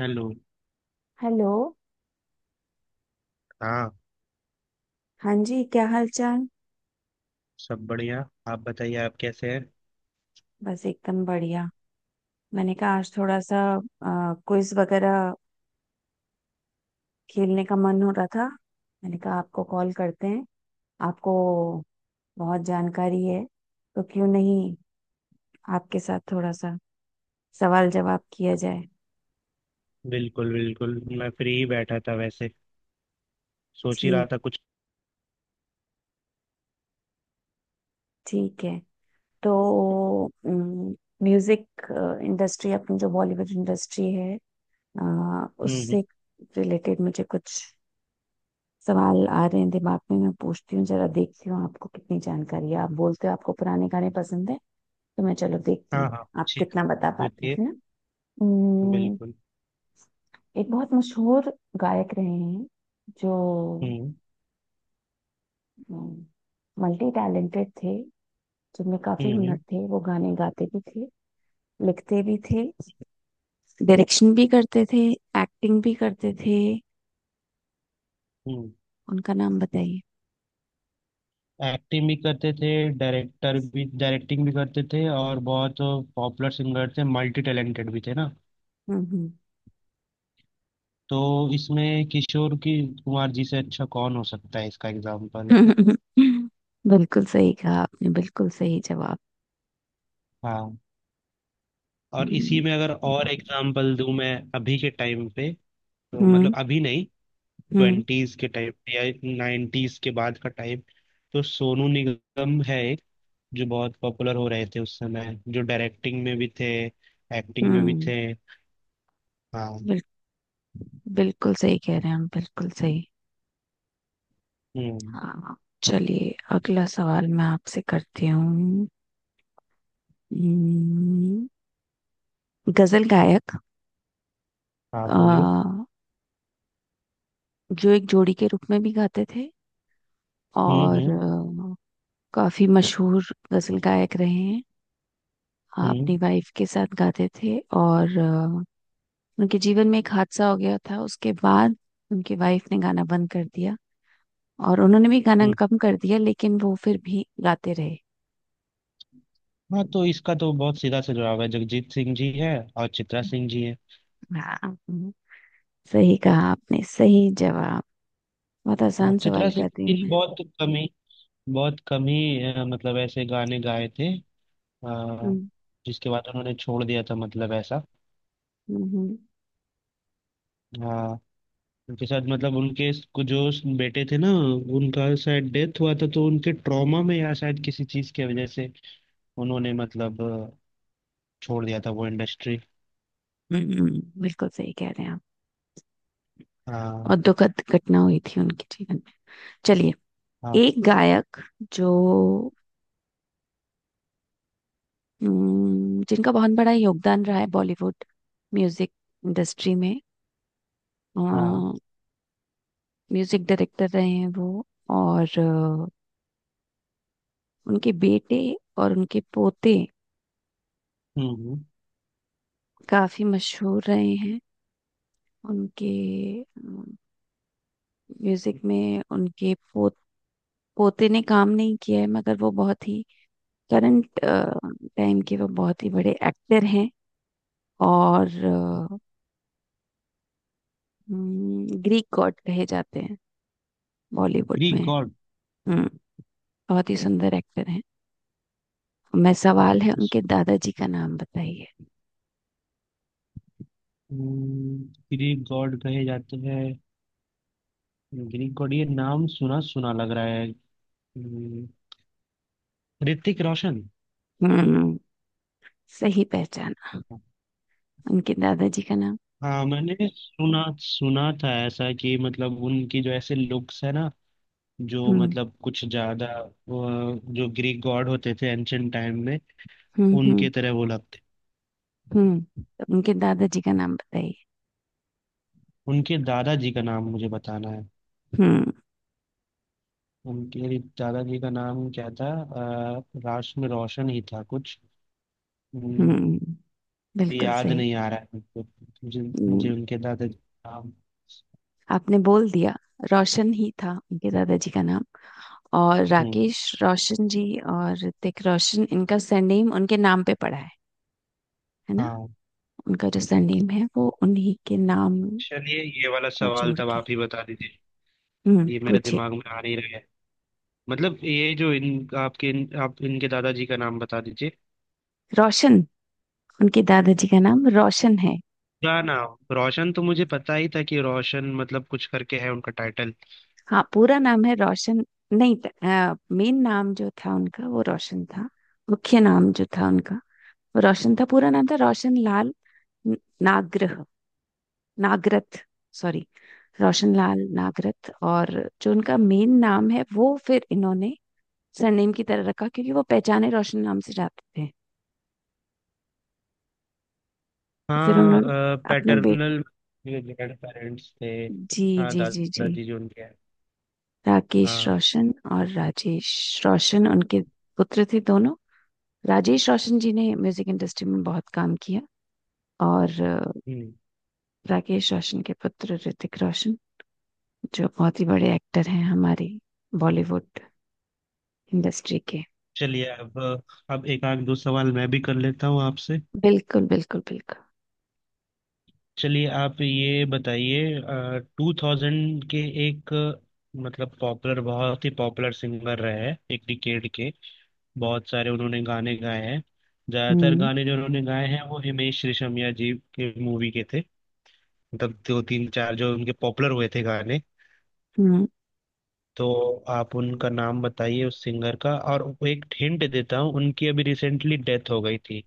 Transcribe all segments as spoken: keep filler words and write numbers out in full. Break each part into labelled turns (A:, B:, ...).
A: Hello.
B: Hello.
A: हाँ।
B: हाँ जी, क्या हाल चाल।
A: सब बढ़िया। आप बताइए, आप कैसे हैं?
B: बस एकदम बढ़िया। मैंने कहा आज थोड़ा सा क्विज वगैरह खेलने का मन हो रहा था। मैंने कहा आपको कॉल करते हैं, आपको बहुत जानकारी है, तो क्यों नहीं आपके साथ थोड़ा सा सवाल जवाब किया जाए।
A: बिल्कुल बिल्कुल, मैं फ्री ही बैठा था, वैसे सोच ही रहा
B: ठीक,
A: था कुछ।
B: ठीक है। तो म्यूजिक इंडस्ट्री, अपनी जो बॉलीवुड इंडस्ट्री है, अ,
A: हम्म हम्म।
B: उससे रिलेटेड मुझे कुछ सवाल आ रहे हैं दिमाग में। मैं पूछती हूँ, जरा देखती हूँ आपको कितनी जानकारी है। आप बोलते हो आपको पुराने गाने पसंद है, तो मैं चलो देखती
A: हाँ
B: हूँ
A: हाँ,
B: आप
A: पूछिए।
B: कितना बता पाते हैं,
A: पूछिए।
B: है ना। उम्म,
A: बिल्कुल।
B: एक बहुत मशहूर गायक रहे हैं, जो
A: हम्म।
B: मल्टी टैलेंटेड थे, जिनमें काफी हुनर
A: हम्म।
B: थे। वो गाने गाते भी थे, लिखते भी थे, डायरेक्शन भी करते थे, एक्टिंग भी करते थे।
A: हम्म।
B: उनका नाम बताइए।
A: एक्टिंग भी करते थे, डायरेक्टर भी डायरेक्टिंग भी करते थे, और बहुत पॉपुलर सिंगर थे, मल्टी टैलेंटेड भी थे ना।
B: हम्म
A: तो इसमें किशोर की कुमार जी से अच्छा कौन हो सकता है इसका एग्जाम्पल?
B: हम्म। बिल्कुल सही कहा आपने, बिल्कुल सही जवाब।
A: हाँ। और इसी
B: हम्म,
A: में अगर और एग्जाम्पल दूं मैं अभी के टाइम पे, तो
B: हम्म।
A: मतलब अभी नहीं,
B: हम्म।
A: ट्वेंटीज के टाइप या नाइन्टीज के बाद का टाइप, तो सोनू निगम है एक जो बहुत पॉपुलर हो रहे थे उस समय, जो डायरेक्टिंग में भी थे, एक्टिंग में भी
B: हम्म।
A: थे। हाँ।
B: बिल, बिल्कुल सही कह रहे हैं हम, बिल्कुल सही।
A: हम्म।
B: हाँ, चलिए अगला सवाल मैं आपसे करती हूँ। हम्म, गजल गायक,
A: हाँ,
B: अ,
A: बोलिए।
B: जो एक जोड़ी के रूप में भी गाते थे,
A: हम्म
B: और
A: हम्म
B: अ, काफी मशहूर गजल गायक रहे हैं। हाँ,
A: हम्म
B: अपनी वाइफ के साथ गाते थे, और अ, उनके जीवन में एक हादसा हो गया था, उसके बाद उनकी वाइफ ने गाना बंद कर दिया, और उन्होंने भी गाना
A: हम्म।
B: कम कर दिया, लेकिन वो फिर भी गाते रहे।
A: हाँ, तो इसका तो बहुत सीधा सा जवाब है, जगजीत सिंह जी है और चित्रा सिंह जी है।
B: हाँ, हम्म, सही कहा आपने, सही जवाब। बहुत
A: हाँ,
B: आसान
A: चित्रा
B: सवाल
A: सिंह
B: कर रही
A: जी
B: हूँ
A: ने
B: मैं।
A: बहुत कम ही बहुत कम ही अ, मतलब ऐसे गाने गाए थे, अ,
B: हम्म।
A: जिसके बाद उन्होंने छोड़ दिया था, मतलब ऐसा।
B: हम्म।
A: हाँ। उनके साथ मतलब उनके कुछ जो बेटे थे ना, उनका शायद डेथ हुआ था, तो उनके ट्रॉमा में या शायद किसी चीज की वजह से उन्होंने, मतलब, अ, छोड़ दिया था वो इंडस्ट्री।
B: हम्म, हम्म, बिल्कुल सही कह रहे हैं आप।
A: हाँ।
B: और दुखद घटना हुई थी उनके जीवन में। चलिए,
A: हाँ।
B: एक गायक, जो हम्म, जिनका बहुत बड़ा योगदान रहा है बॉलीवुड म्यूजिक इंडस्ट्री में।
A: हाँ।
B: म्यूजिक डायरेक्टर रहे हैं वो, और अ, उनके बेटे और उनके पोते
A: हम्म।
B: काफी मशहूर रहे हैं। उनके म्यूजिक में उनके पो, पोते ने काम नहीं किया है, मगर वो बहुत ही करंट टाइम के वो बहुत ही बड़े एक्टर हैं, और ग्रीक गॉड कहे जाते हैं बॉलीवुड में।
A: Greek god?
B: हम्म। बहुत ही सुंदर एक्टर हैं। मैं सवाल है, उनके दादाजी का नाम बताइए।
A: ग्रीक गॉड कहे जाते हैं? ग्रीक गॉड, ये नाम सुना सुना लग रहा है। हम्म। ऋतिक रोशन।
B: हम्म, सही पहचाना। उनके दादाजी का नाम।
A: हाँ, मैंने सुना सुना था ऐसा कि मतलब उनकी जो ऐसे लुक्स है ना, जो
B: हम्म।
A: मतलब कुछ ज्यादा, अ, जो ग्रीक गॉड होते थे एंशंट टाइम में,
B: हम्म। हम्म।
A: उनके तरह वो लगते।
B: हम्म, तो उनके दादाजी का नाम बताइए।
A: उनके दादाजी का नाम मुझे बताना है,
B: हम्म।
A: उनके दादाजी का नाम क्या था? अ, राष्ट्र में रोशन ही था कुछ। हम्म।
B: हम्म, बिल्कुल
A: याद
B: सही।
A: नहीं आ रहा है मुझे, मुझे
B: हम्म,
A: मुझे उनके दादाजी का नाम।
B: आपने बोल दिया। रोशन ही था उनके दादाजी का नाम, और
A: हम्म।
B: राकेश रोशन जी, और ऋतिक रोशन, इनका सरनेम उनके नाम पे पड़ा है है ना।
A: हाँ,
B: उनका जो सरनेम है, वो उन्हीं के नाम
A: चलिए, ये वाला
B: को
A: सवाल
B: जोड़
A: तब
B: के।
A: आप ही बता दीजिए,
B: हम्म,
A: ये मेरे
B: पूछे।
A: दिमाग में आ नहीं रहा है। मतलब ये जो इन आपके इन, आप इनके दादाजी का नाम बता दीजिए।
B: रोशन, उनके दादाजी का नाम रोशन है।
A: ना ना, रोशन तो मुझे पता ही था कि रोशन मतलब कुछ करके है उनका टाइटल।
B: हाँ, पूरा नाम है रोशन। नहीं, मेन नाम जो था उनका वो रोशन था, मुख्य नाम जो था उनका वो रोशन था। पूरा नाम था रोशन लाल न- नागरह, नागरथ, सॉरी, रोशनलाल नागरथ। और जो उनका मेन नाम है, वो फिर इन्होंने सरनेम की तरह रखा, क्योंकि वो पहचाने रोशन नाम से जाते थे। तो फिर उन्होंने
A: हाँ।
B: अपने बेट,
A: पैटर्नल ग्रैंड पेरेंट्स थे।
B: जी
A: हाँ,
B: जी जी जी,
A: दादाजी जो उनके हैं।
B: राकेश
A: हाँ।
B: रोशन और राजेश रोशन उनके पुत्र थे दोनों। राजेश रोशन जी ने म्यूजिक इंडस्ट्री में बहुत काम किया, और अ,
A: हम्म।
B: राकेश रोशन के पुत्र ऋतिक रोशन, जो बहुत ही बड़े एक्टर हैं हमारी बॉलीवुड इंडस्ट्री के।
A: चलिए अब अब एक आध दो सवाल मैं भी कर लेता हूँ आपसे।
B: बिल्कुल बिल्कुल बिल्कुल।
A: चलिए, आप ये बताइए। टू थाउजेंड के एक, मतलब पॉपुलर, बहुत ही पॉपुलर सिंगर रहे हैं एक डिकेड के, बहुत सारे उन्होंने गाने गाए हैं। ज्यादातर
B: हम्म।
A: गाने जो उन्होंने गाए हैं वो हिमेश रेशमिया जी के मूवी के थे, मतलब दो तीन चार जो उनके पॉपुलर हुए थे गाने।
B: हम्म,
A: तो आप उनका नाम बताइए उस सिंगर का, और एक हिंट देता हूँ, उनकी अभी रिसेंटली डेथ हो गई थी।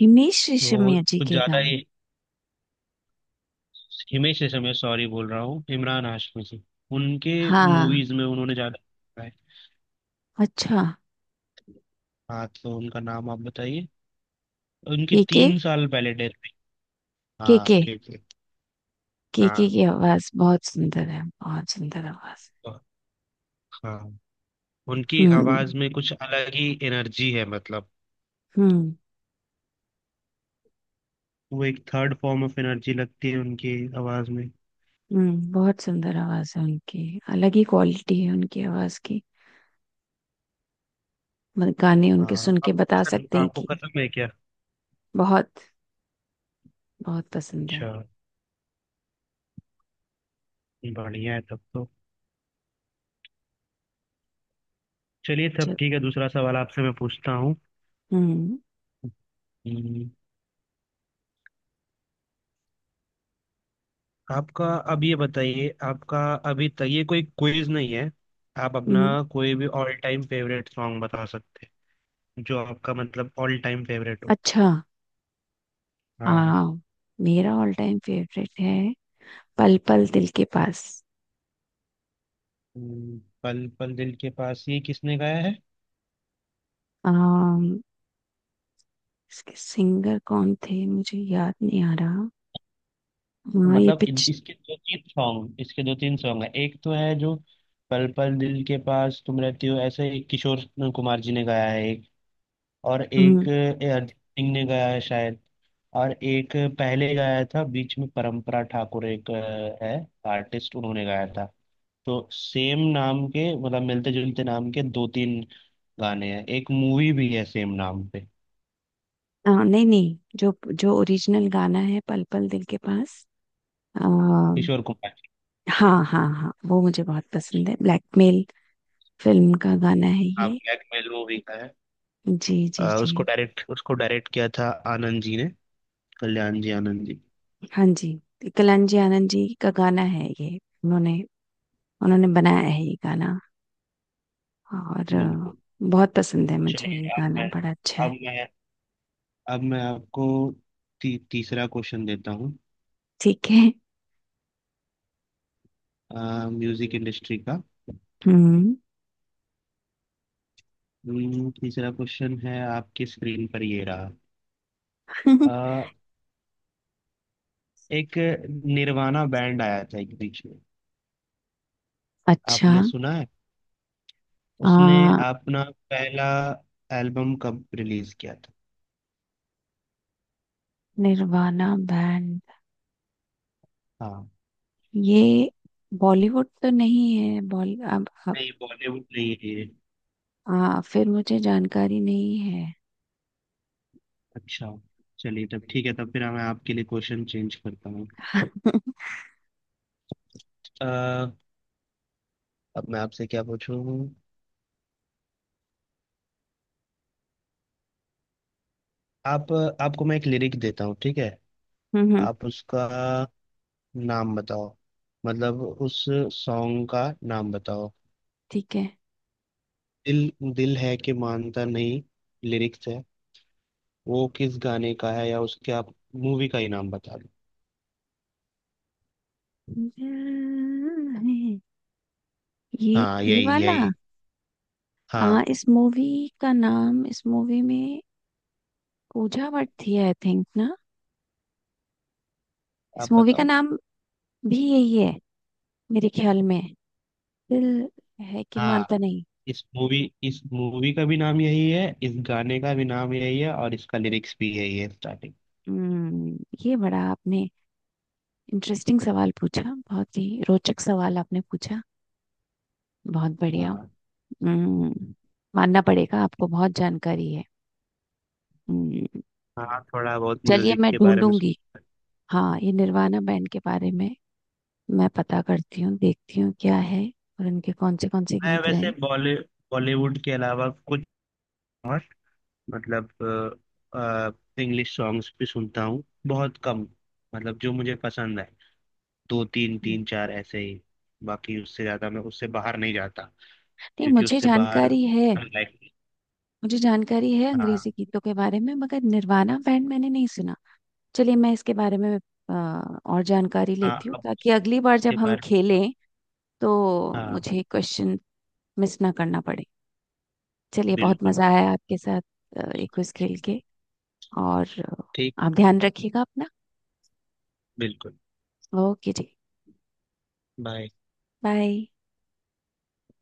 B: हिमेश
A: वो
B: रेशमिया जी
A: कुछ
B: के
A: ज्यादा
B: गाने।
A: ही हिमेश रेशमिया, मैं सॉरी बोल रहा हूँ, इमरान हाशमी जी उनके
B: हाँ।
A: मूवीज में उन्होंने ज्यादा।
B: अच्छा।
A: हाँ, तो उनका नाम आप बताइए। उनकी
B: के के।
A: तीन साल पहले डेथ हुई।
B: के
A: हाँ,
B: के।
A: ठीक है।
B: के के
A: हाँ।
B: की आवाज बहुत सुंदर है, बहुत सुंदर आवाज।
A: तो- हाँ। उनकी
B: हम्म।
A: आवाज में कुछ अलग ही एनर्जी है, मतलब
B: हम्म।
A: वो एक थर्ड फॉर्म ऑफ एनर्जी लगती है उनकी आवाज में।
B: हम्म, बहुत सुंदर आवाज है उनकी, अलग ही क्वालिटी है उनकी आवाज की। मत- गाने उनके सुन
A: हाँ,
B: के
A: आपको
B: बता
A: पसंद
B: सकते हैं
A: आपको
B: कि।
A: खत्म है क्या?
B: बहुत, बहुत पसंद है।
A: अच्छा। बढ़िया है तब तो। चलिए, तब
B: चल,
A: ठीक है, दूसरा सवाल आपसे मैं पूछता हूँ।
B: हम्म।
A: हम्म, आपका अब ये बताइए, आपका, अभी तक ये कोई क्विज नहीं है, आप अपना
B: हम्म।
A: कोई भी ऑल टाइम फेवरेट सॉन्ग बता सकते हैं जो आपका मतलब ऑल टाइम फेवरेट हो।
B: अच्छा। आ,
A: हाँ।
B: मेरा ऑल टाइम फेवरेट है पल पल दिल के पास।
A: हम्म, पल पल दिल के पास, ये किसने गाया है?
B: आ, इसके सिंगर कौन थे मुझे याद नहीं आ रहा। हाँ ये
A: मतलब इन-
B: पिक्च।
A: इसके दो तीन सॉन्ग इसके दो तीन सॉन्ग है। एक तो है जो पल पल दिल के पास तुम रहती हो ऐसे, एक किशोर कुमार जी ने गाया है, एक, और एक
B: हम्म।
A: ए, अरिजीत सिंह ने गाया है शायद, और एक पहले गाया था बीच में परंपरा ठाकुर एक, अ, है आर्टिस्ट, उन्होंने गाया था। तो सेम नाम के, मतलब मिलते जुलते नाम के दो तीन गाने हैं, एक मूवी भी है सेम नाम पे।
B: हाँ, नहीं नहीं, जो जो ओरिजिनल गाना है पल पल दिल के पास, आ,
A: किशोर कुमार जी।
B: हाँ हाँ हाँ, वो मुझे बहुत पसंद है। ब्लैकमेल फिल्म का गाना है
A: नाम
B: ये।
A: ब्लैकमेल मूवी का है।
B: जी
A: अ,
B: जी जी।
A: उसको डायरेक्ट उसको डायरेक्ट किया था आनंद जी ने, कल्याण जी आनंद जी।
B: हाँ जी, कलांजी आनंद जी का गाना है ये। उन्होंने, उन्होंने बनाया है ये गाना, और अ,
A: बिल्कुल।
B: बहुत पसंद है मुझे ये
A: चलिए अब
B: गाना,
A: मैं,
B: बड़ा अच्छा है।
A: अब मैं अब मैं आपको ती, तीसरा क्वेश्चन देता हूँ,
B: ठीक है।
A: म्यूजिक इंडस्ट्री का।
B: हम्म।
A: हम्म, तीसरा क्वेश्चन है, आपकी स्क्रीन पर ये रहा। अ, एक निर्वाणा बैंड आया था एक बीच में,
B: अच्छा।
A: आपने सुना है? उसने
B: आ,
A: अपना पहला एल्बम कब रिलीज किया था?
B: निर्वाणा बैंड,
A: हाँ।
B: ये बॉलीवुड तो नहीं है बॉली अब अब-
A: नहीं, बॉलीवुड नहीं है ये।
B: हाँ, फिर मुझे जानकारी नहीं है।
A: अच्छा, चलिए, तब ठीक है, तब फिर मैं आपके लिए क्वेश्चन चेंज करता हूँ। अब मैं आपसे क्या पूछूं? आप आपको मैं एक लिरिक देता हूँ, ठीक है?
B: हम्म हम्म,
A: आप उसका नाम बताओ, मतलब उस सॉन्ग का नाम बताओ।
B: ठीक है।
A: दिल दिल है कि मानता नहीं, लिरिक्स है, वो किस गाने का है, या उसके आप मूवी का ही नाम बता दो।
B: ये
A: हाँ,
B: ये
A: यही
B: वाला।
A: यही।
B: आ,
A: हाँ,
B: इस मूवी का नाम, इस मूवी में पूजा भट्ट थी आई थिंक, ना। इस
A: आप
B: मूवी का
A: बताओ।
B: नाम भी यही है मेरे ख्याल में, दिल है कि
A: हाँ,
B: मानता नहीं।
A: इस मूवी इस मूवी का भी नाम यही है, इस गाने का भी नाम यही है, और इसका लिरिक्स भी यही है स्टार्टिंग।
B: हम्म, ये बड़ा आपने इंटरेस्टिंग सवाल पूछा, बहुत ही रोचक सवाल आपने पूछा, बहुत बढ़िया।
A: हाँ।
B: हम्म, मानना पड़ेगा, आपको बहुत जानकारी है। हम्म।
A: हाँ, थोड़ा बहुत
B: चलिए
A: म्यूजिक
B: मैं
A: के बारे में।
B: ढूंढूंगी। हाँ, ये निर्वाणा बैंड के बारे में मैं पता करती हूँ, देखती हूँ क्या है, और इनके कौन से कौन से
A: मैं
B: गीत रहे
A: वैसे
B: हैं।
A: बॉली बॉलीवुड के अलावा कुछ और, मतलब इंग्लिश सॉन्ग्स भी सुनता हूँ बहुत कम, मतलब जो मुझे पसंद है, दो तीन
B: हम्म,
A: तीन चार ऐसे ही। बाकी उससे ज्यादा मैं, उससे बाहर नहीं जाता,
B: नहीं
A: क्योंकि
B: मुझे
A: उससे बाहर,
B: जानकारी है।
A: लाइक।
B: मुझे जानकारी है
A: हाँ।
B: अंग्रेजी गीतों के बारे में, मगर निर्वाणा बैंड मैंने नहीं सुना। चलिए, मैं इसके बारे में अ, और जानकारी
A: हाँ,
B: लेती हूँ,
A: अब
B: ताकि अगली बार
A: उसके
B: जब हम
A: बाहर।
B: खेलें तो
A: हाँ,
B: मुझे क्वेश्चन मिस ना करना पड़े। चलिए, बहुत
A: बिल्कुल।
B: मजा आया आपके साथ अ, ये क्विज खेल के। और अ,
A: ठीक।
B: आप ध्यान रखिएगा अपना।
A: बिल्कुल।
B: ओके जी।
A: बाय।
B: बाय।